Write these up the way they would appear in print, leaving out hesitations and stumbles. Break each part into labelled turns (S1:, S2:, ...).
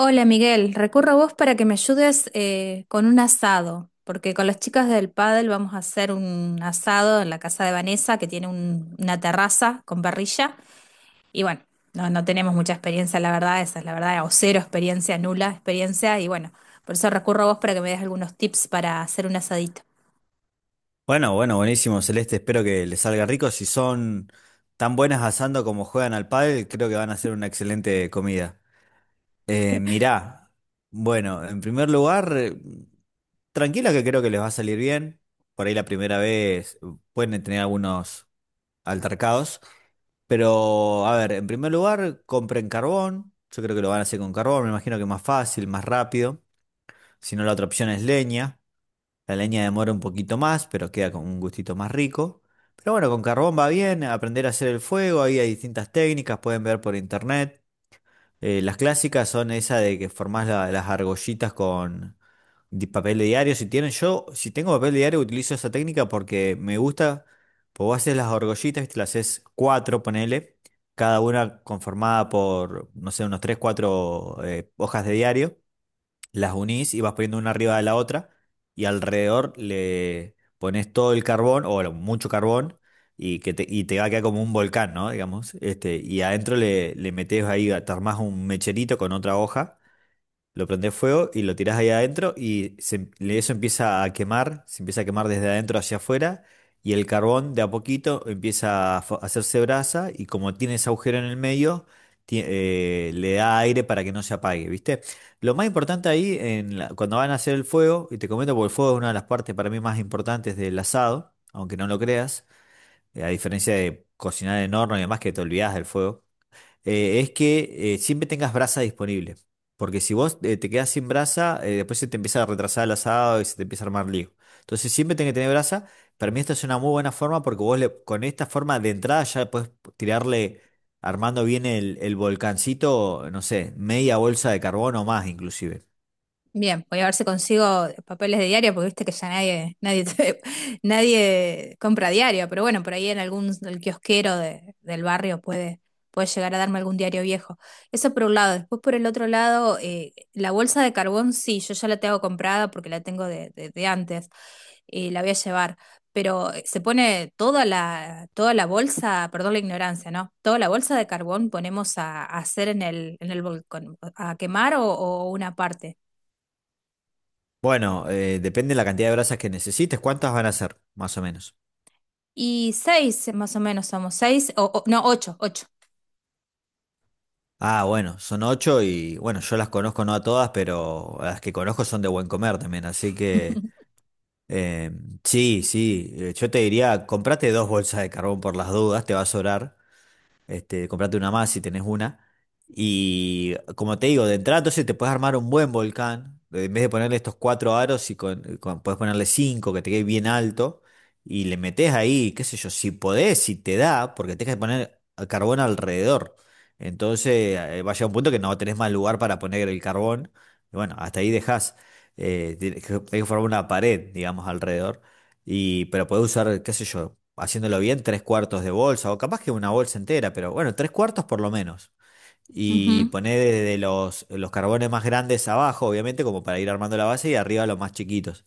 S1: Hola Miguel, recurro a vos para que me ayudes con un asado, porque con las chicas del pádel vamos a hacer un asado en la casa de Vanessa que tiene una terraza con parrilla y bueno, no tenemos mucha experiencia, la verdad, esa es la verdad, o cero experiencia, nula experiencia y bueno, por eso recurro a vos para que me des algunos tips para hacer un asadito.
S2: Bueno, bueno, buenísimo, Celeste. Espero que les salga rico. Si son tan buenas asando como juegan al pádel, creo que van a hacer una excelente comida. Mirá, bueno, en primer lugar, tranquila que creo que les va a salir bien. Por ahí la primera vez pueden tener algunos altercados. Pero, a ver, en primer lugar, compren carbón. Yo creo que lo van a hacer con carbón. Me imagino que más fácil, más rápido. Si no, la otra opción es leña. La leña demora un poquito más, pero queda con un gustito más rico. Pero bueno, con carbón va bien, aprender a hacer el fuego, ahí hay distintas técnicas, pueden ver por internet. Las clásicas son esa de que formás las argollitas con papel de diario. Si tienen, yo, si tengo papel de diario, utilizo esa técnica porque me gusta, pues vos haces las argollitas, te las haces cuatro, ponele, cada una conformada por, no sé, unos tres, cuatro hojas de diario, las unís y vas poniendo una arriba de la otra, y alrededor le pones todo el carbón o bueno, mucho carbón, y y te va a quedar como un volcán, ¿no? Digamos, este, y adentro le metes ahí, te armás un mecherito con otra hoja, lo prendes fuego y lo tirás ahí adentro y eso empieza a quemar, se empieza a quemar desde adentro hacia afuera, y el carbón de a poquito empieza a hacerse brasa, y como tiene ese agujero en el medio, le da aire para que no se apague, ¿viste? Lo más importante ahí, en cuando van a hacer el fuego, y te comento porque el fuego es una de las partes para mí más importantes del asado, aunque no lo creas, a diferencia de cocinar en horno y demás que te olvidás del fuego, es que siempre tengas brasa disponible. Porque si vos te quedás sin brasa, después se te empieza a retrasar el asado y se te empieza a armar lío. Entonces siempre tenés que tener brasa. Para mí esta es una muy buena forma porque con esta forma de entrada ya puedes tirarle armando bien el volcancito, no sé, media bolsa de carbón o más inclusive.
S1: Bien, voy a ver si consigo papeles de diario, porque viste que ya nadie, nadie, nadie compra diario, pero bueno, por ahí en algún el kiosquero del barrio puede, puede llegar a darme algún diario viejo. Eso por un lado. Después por el otro lado, la bolsa de carbón sí, yo ya la tengo comprada porque la tengo de, de antes y la voy a llevar. Pero se pone toda la bolsa, perdón la ignorancia, ¿no? Toda la bolsa de carbón ponemos a hacer en el volcán, a quemar o una parte.
S2: Bueno, depende de la cantidad de brasas que necesites. ¿Cuántas van a ser, más o menos?
S1: Y seis, más o menos somos seis, o no, ocho, ocho.
S2: Ah, bueno, son ocho, y bueno, yo las conozco no a todas, pero las que conozco son de buen comer también, así que... Eh, sí, sí, yo te diría, comprate dos bolsas de carbón por las dudas, te va a sobrar, este, comprate una más si tenés una. Y como te digo, de entrada entonces te puedes armar un buen volcán. En vez de ponerle estos cuatro aros, y con, puedes ponerle cinco, que te quede bien alto, y le metes ahí, qué sé yo, si podés, si te da, porque tenés que poner carbón alrededor. Entonces va a llegar un punto que no tenés más lugar para poner el carbón. Y bueno, hasta ahí dejás. Tenés que formar una pared, digamos, alrededor. Y, pero podés usar, qué sé yo, haciéndolo bien, tres cuartos de bolsa, o capaz que una bolsa entera, pero bueno, tres cuartos por lo menos. Y
S1: Ujú.
S2: poner desde los carbones más grandes abajo, obviamente, como para ir armando la base, y arriba los más chiquitos.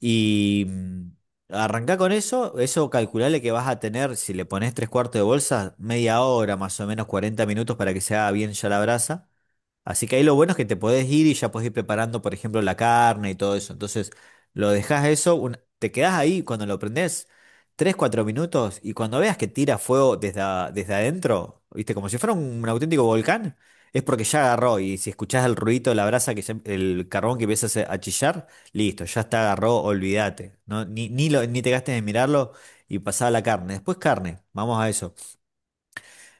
S2: Y arrancá con eso, eso calculale que vas a tener, si le pones tres cuartos de bolsa, media hora, más o menos 40 minutos para que se haga bien ya la brasa. Así que ahí lo bueno es que te podés ir y ya podés ir preparando, por ejemplo, la carne y todo eso. Entonces, lo dejás eso, te quedás ahí cuando lo prendés 3, 4 minutos, y cuando veas que tira fuego desde, desde adentro, ¿viste? Como si fuera un auténtico volcán, es porque ya agarró, y si escuchás el ruido de la brasa, que el carbón que empieza a chillar, listo, ya está, agarró, olvídate, ¿no? Ni te gastes en mirarlo y pasá a la carne. Después carne, vamos a eso.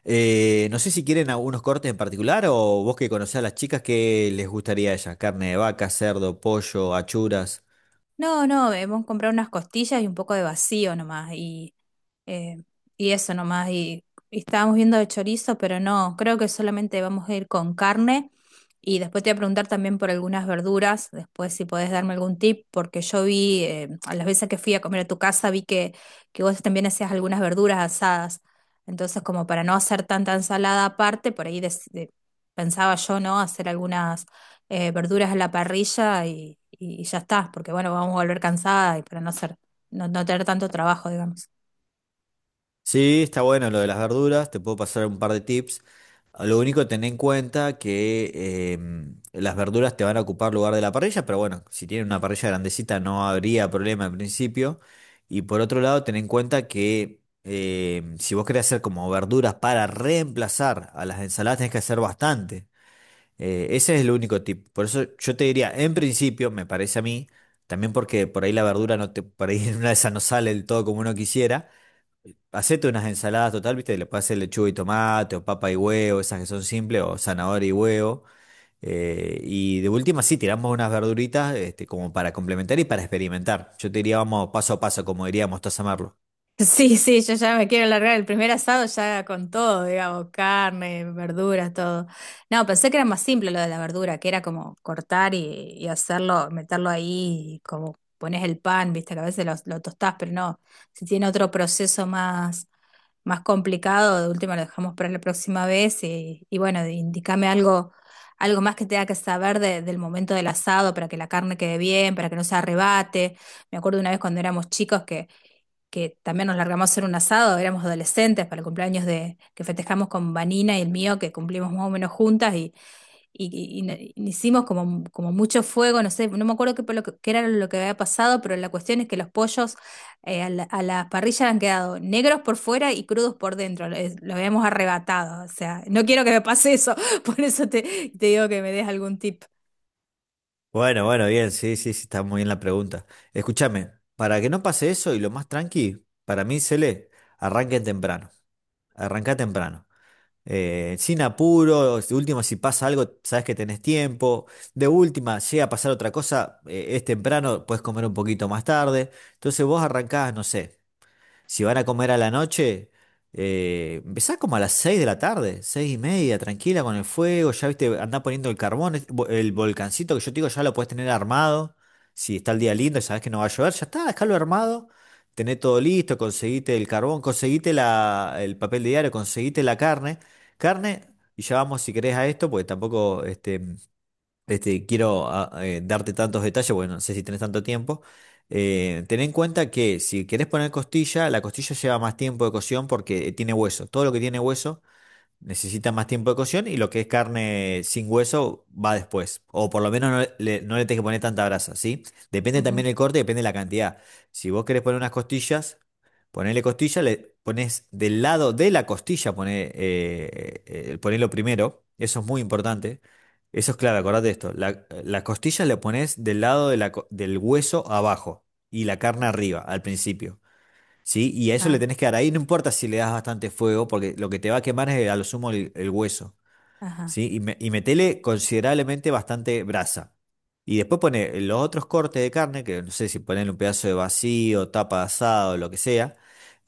S2: No sé si quieren algunos cortes en particular o vos que conocés a las chicas, ¿qué les gustaría a ellas? Carne de vaca, cerdo, pollo, achuras.
S1: No, no, hemos comprado unas costillas y un poco de vacío nomás. Eh, y eso nomás. Y estábamos viendo de chorizo, pero no, creo que solamente vamos a ir con carne. Y después te voy a preguntar también por algunas verduras, después si podés darme algún tip, porque yo vi, a las veces que fui a comer a tu casa, vi que vos también hacías algunas verduras asadas. Entonces, como para no hacer tanta ensalada aparte, por ahí pensaba yo, ¿no? Hacer algunas verduras a la parrilla y ya está, porque bueno, vamos a volver cansada y para no hacer, no tener tanto trabajo, digamos.
S2: Sí, está bueno lo de las verduras, te puedo pasar un par de tips. Lo único, ten en cuenta que las verduras te van a ocupar lugar de la parrilla, pero bueno, si tienen una parrilla grandecita no habría problema en principio. Y por otro lado, ten en cuenta que si vos querés hacer como verduras para reemplazar a las ensaladas, tenés que hacer bastante. Ese es el único tip. Por eso yo te diría, en principio, me parece a mí, también porque por ahí la verdura no te, por ahí en una de esas no sale del todo como uno quisiera. Hacete unas ensaladas total, ¿viste? Le puedes hacer lechuga y tomate, o papa y huevo, esas que son simples, o zanahoria y huevo. Y de última, sí, tiramos unas verduritas, este, como para complementar y para experimentar. Yo te diría, vamos paso a paso, como diría Mostaza Merlo.
S1: Sí, sí, yo ya me quiero largar. El primer asado ya con todo, digamos, carne, verduras, todo. No, pensé que era más simple lo de la verdura, que era como cortar y hacerlo, meterlo ahí, y como pones el pan, viste, que a veces lo tostás, pero no, si tiene otro proceso más, más complicado, de última lo dejamos para la próxima vez y bueno, indícame algo, algo más que tenga que saber del momento del asado para que la carne quede bien, para que no se arrebate. Me acuerdo una vez cuando éramos chicos que también nos largamos a hacer un asado, éramos adolescentes para el cumpleaños de, que festejamos con Vanina y el mío, que cumplimos más o menos juntas y, hicimos como, como mucho fuego, no sé, no me acuerdo qué, qué era lo que había pasado, pero la cuestión es que los pollos a la parrilla han quedado negros por fuera y crudos por dentro, lo habíamos arrebatado, o sea, no quiero que me pase eso, por eso te, te digo que me des algún tip.
S2: Bueno, bueno, bien, sí, sí, sí, está muy bien la pregunta. Escúchame, para que no pase eso y lo más tranqui, para mí, Cele, arranquen temprano. Arranca temprano. Sin apuro, de última, si pasa algo, sabes que tenés tiempo. De última, llega a pasar otra cosa, es temprano, puedes comer un poquito más tarde. Entonces vos arrancás, no sé. Si van a comer a la noche, empezá como a las 6 de la tarde, 6:30, tranquila con el fuego, ya viste, andá poniendo el carbón, el volcancito que yo te digo, ya lo podés tener armado. Si está el día lindo y sabés que no va a llover, ya está, dejalo armado, tené todo listo, conseguite el carbón, conseguite la, el papel diario, conseguite la carne, carne, y ya vamos si querés a esto, porque tampoco este, quiero darte tantos detalles, bueno, no sé si tenés tanto tiempo. Ten en cuenta que si querés poner costilla, la costilla lleva más tiempo de cocción porque tiene hueso. Todo lo que tiene hueso necesita más tiempo de cocción, y lo que es carne sin hueso va después. O por lo menos no le tenés que poner tanta grasa, ¿sí? Depende
S1: Ujú.
S2: también el corte, depende de la cantidad. Si vos querés poner unas costillas, ponele costilla, le pones del lado de la costilla, poné, ponelo primero. Eso es muy importante. Eso es clave, acordate de esto. Las costillas le pones del lado de del hueso abajo y la carne arriba, al principio. ¿Sí? Y a eso le
S1: Ah,
S2: tenés que dar ahí, no importa si le das bastante fuego, porque lo que te va a quemar es a lo sumo el hueso.
S1: ajá.
S2: ¿Sí? Y y metele considerablemente bastante brasa. Y después pone los otros cortes de carne, que no sé si ponen un pedazo de vacío, tapa de asado, lo que sea.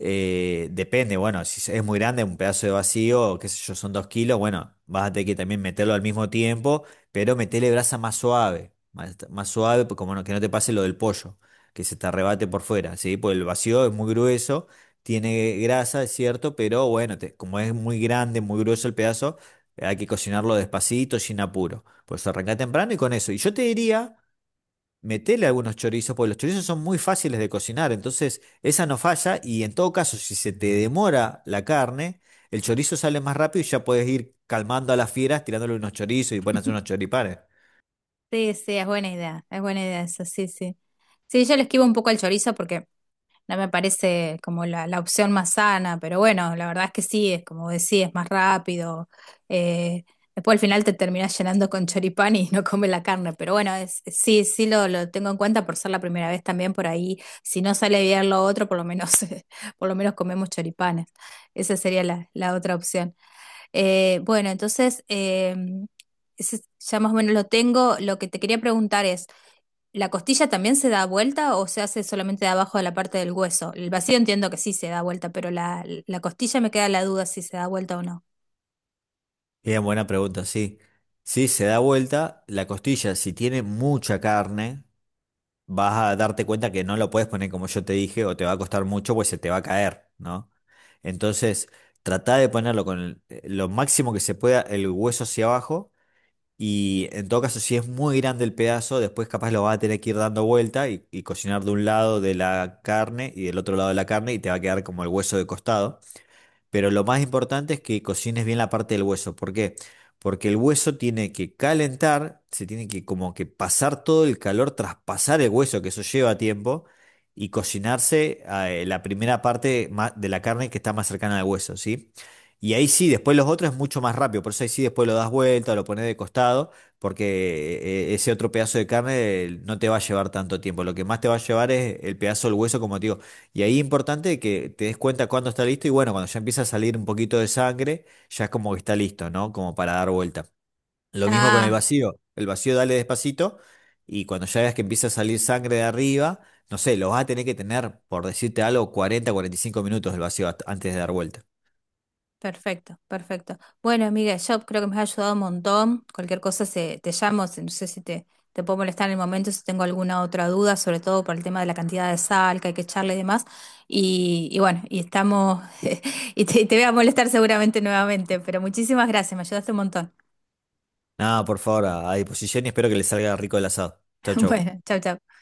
S2: Depende, bueno, si es muy grande, un pedazo de vacío, qué sé yo, son 2 kilos, bueno, vas a tener que también meterlo al mismo tiempo, pero metele brasa más suave, más, más suave, pues como no- que no te pase lo del pollo, que se te arrebate por fuera, ¿sí? Porque el vacío es muy grueso, tiene grasa, es cierto, pero bueno, como es muy grande, muy grueso el pedazo, hay que cocinarlo despacito, sin apuro. Por eso arrancá temprano y con eso. Y yo te diría, metele algunos chorizos, porque los chorizos son muy fáciles de cocinar. Entonces, esa no falla. Y en todo caso, si se te demora la carne, el chorizo sale más rápido, y ya puedes ir calmando a las fieras tirándole unos chorizos, y pueden hacer unos choripanes.
S1: Sí, sí, es buena idea eso, sí, sí. Sí, yo le esquivo un poco al chorizo porque no me parece como la opción más sana, pero bueno, la verdad es que sí, es como decís, es más rápido. eh, Después al final te terminás llenando con choripán y no comes la carne, pero bueno, es, sí, sí lo tengo en cuenta por ser la primera vez también por ahí. Si no sale bien lo otro, por lo menos, por lo menos comemos choripanes. Esa sería la, la otra opción. Bueno, entonces, ese ya más o menos lo tengo. Lo que te quería preguntar es... ¿La costilla también se da vuelta o se hace solamente de abajo de la parte del hueso? El vacío entiendo que sí se da vuelta, pero la costilla me queda la duda si se da vuelta o no.
S2: Bien, buena pregunta, sí. Si se da vuelta, la costilla, si tiene mucha carne, vas a darte cuenta que no lo puedes poner como yo te dije, o te va a costar mucho, pues se te va a caer, ¿no? Entonces, trata de ponerlo con lo máximo que se pueda el hueso hacia abajo. Y en todo caso, si es muy grande el pedazo, después capaz lo vas a tener que ir dando vuelta, y cocinar de un lado de la carne y del otro lado de la carne, y te va a quedar como el hueso de costado. Pero lo más importante es que cocines bien la parte del hueso. ¿Por qué? Porque el hueso tiene que calentar, se tiene que como que pasar todo el calor, traspasar el hueso, que eso lleva tiempo, y cocinarse la primera parte de la carne que está más cercana al hueso, ¿sí? Y ahí sí, después los otros es mucho más rápido, por eso ahí sí después lo das vuelta, lo pones de costado, porque ese otro pedazo de carne no te va a llevar tanto tiempo. Lo que más te va a llevar es el pedazo del hueso, como te digo, y ahí es importante que te des cuenta cuándo está listo, y bueno, cuando ya empieza a salir un poquito de sangre, ya es como que está listo, ¿no? Como para dar vuelta. Lo mismo con el
S1: Ah,
S2: vacío. El vacío dale despacito, y cuando ya veas que empieza a salir sangre de arriba, no sé, lo vas a tener que tener, por decirte algo, 40 45 minutos el vacío antes de dar vuelta.
S1: perfecto, perfecto. Bueno, amiga, yo creo que me has ayudado un montón. Cualquier cosa se, te llamo, no sé si te, te puedo molestar en el momento, si tengo alguna otra duda, sobre todo por el tema de la cantidad de sal que hay que echarle y demás. Y bueno, y estamos, y te voy a molestar seguramente nuevamente, pero muchísimas gracias, me ayudaste un montón.
S2: Nada, por favor, a disposición, y espero que les salga rico el asado. Chau, chau.
S1: Bueno, chau, chau.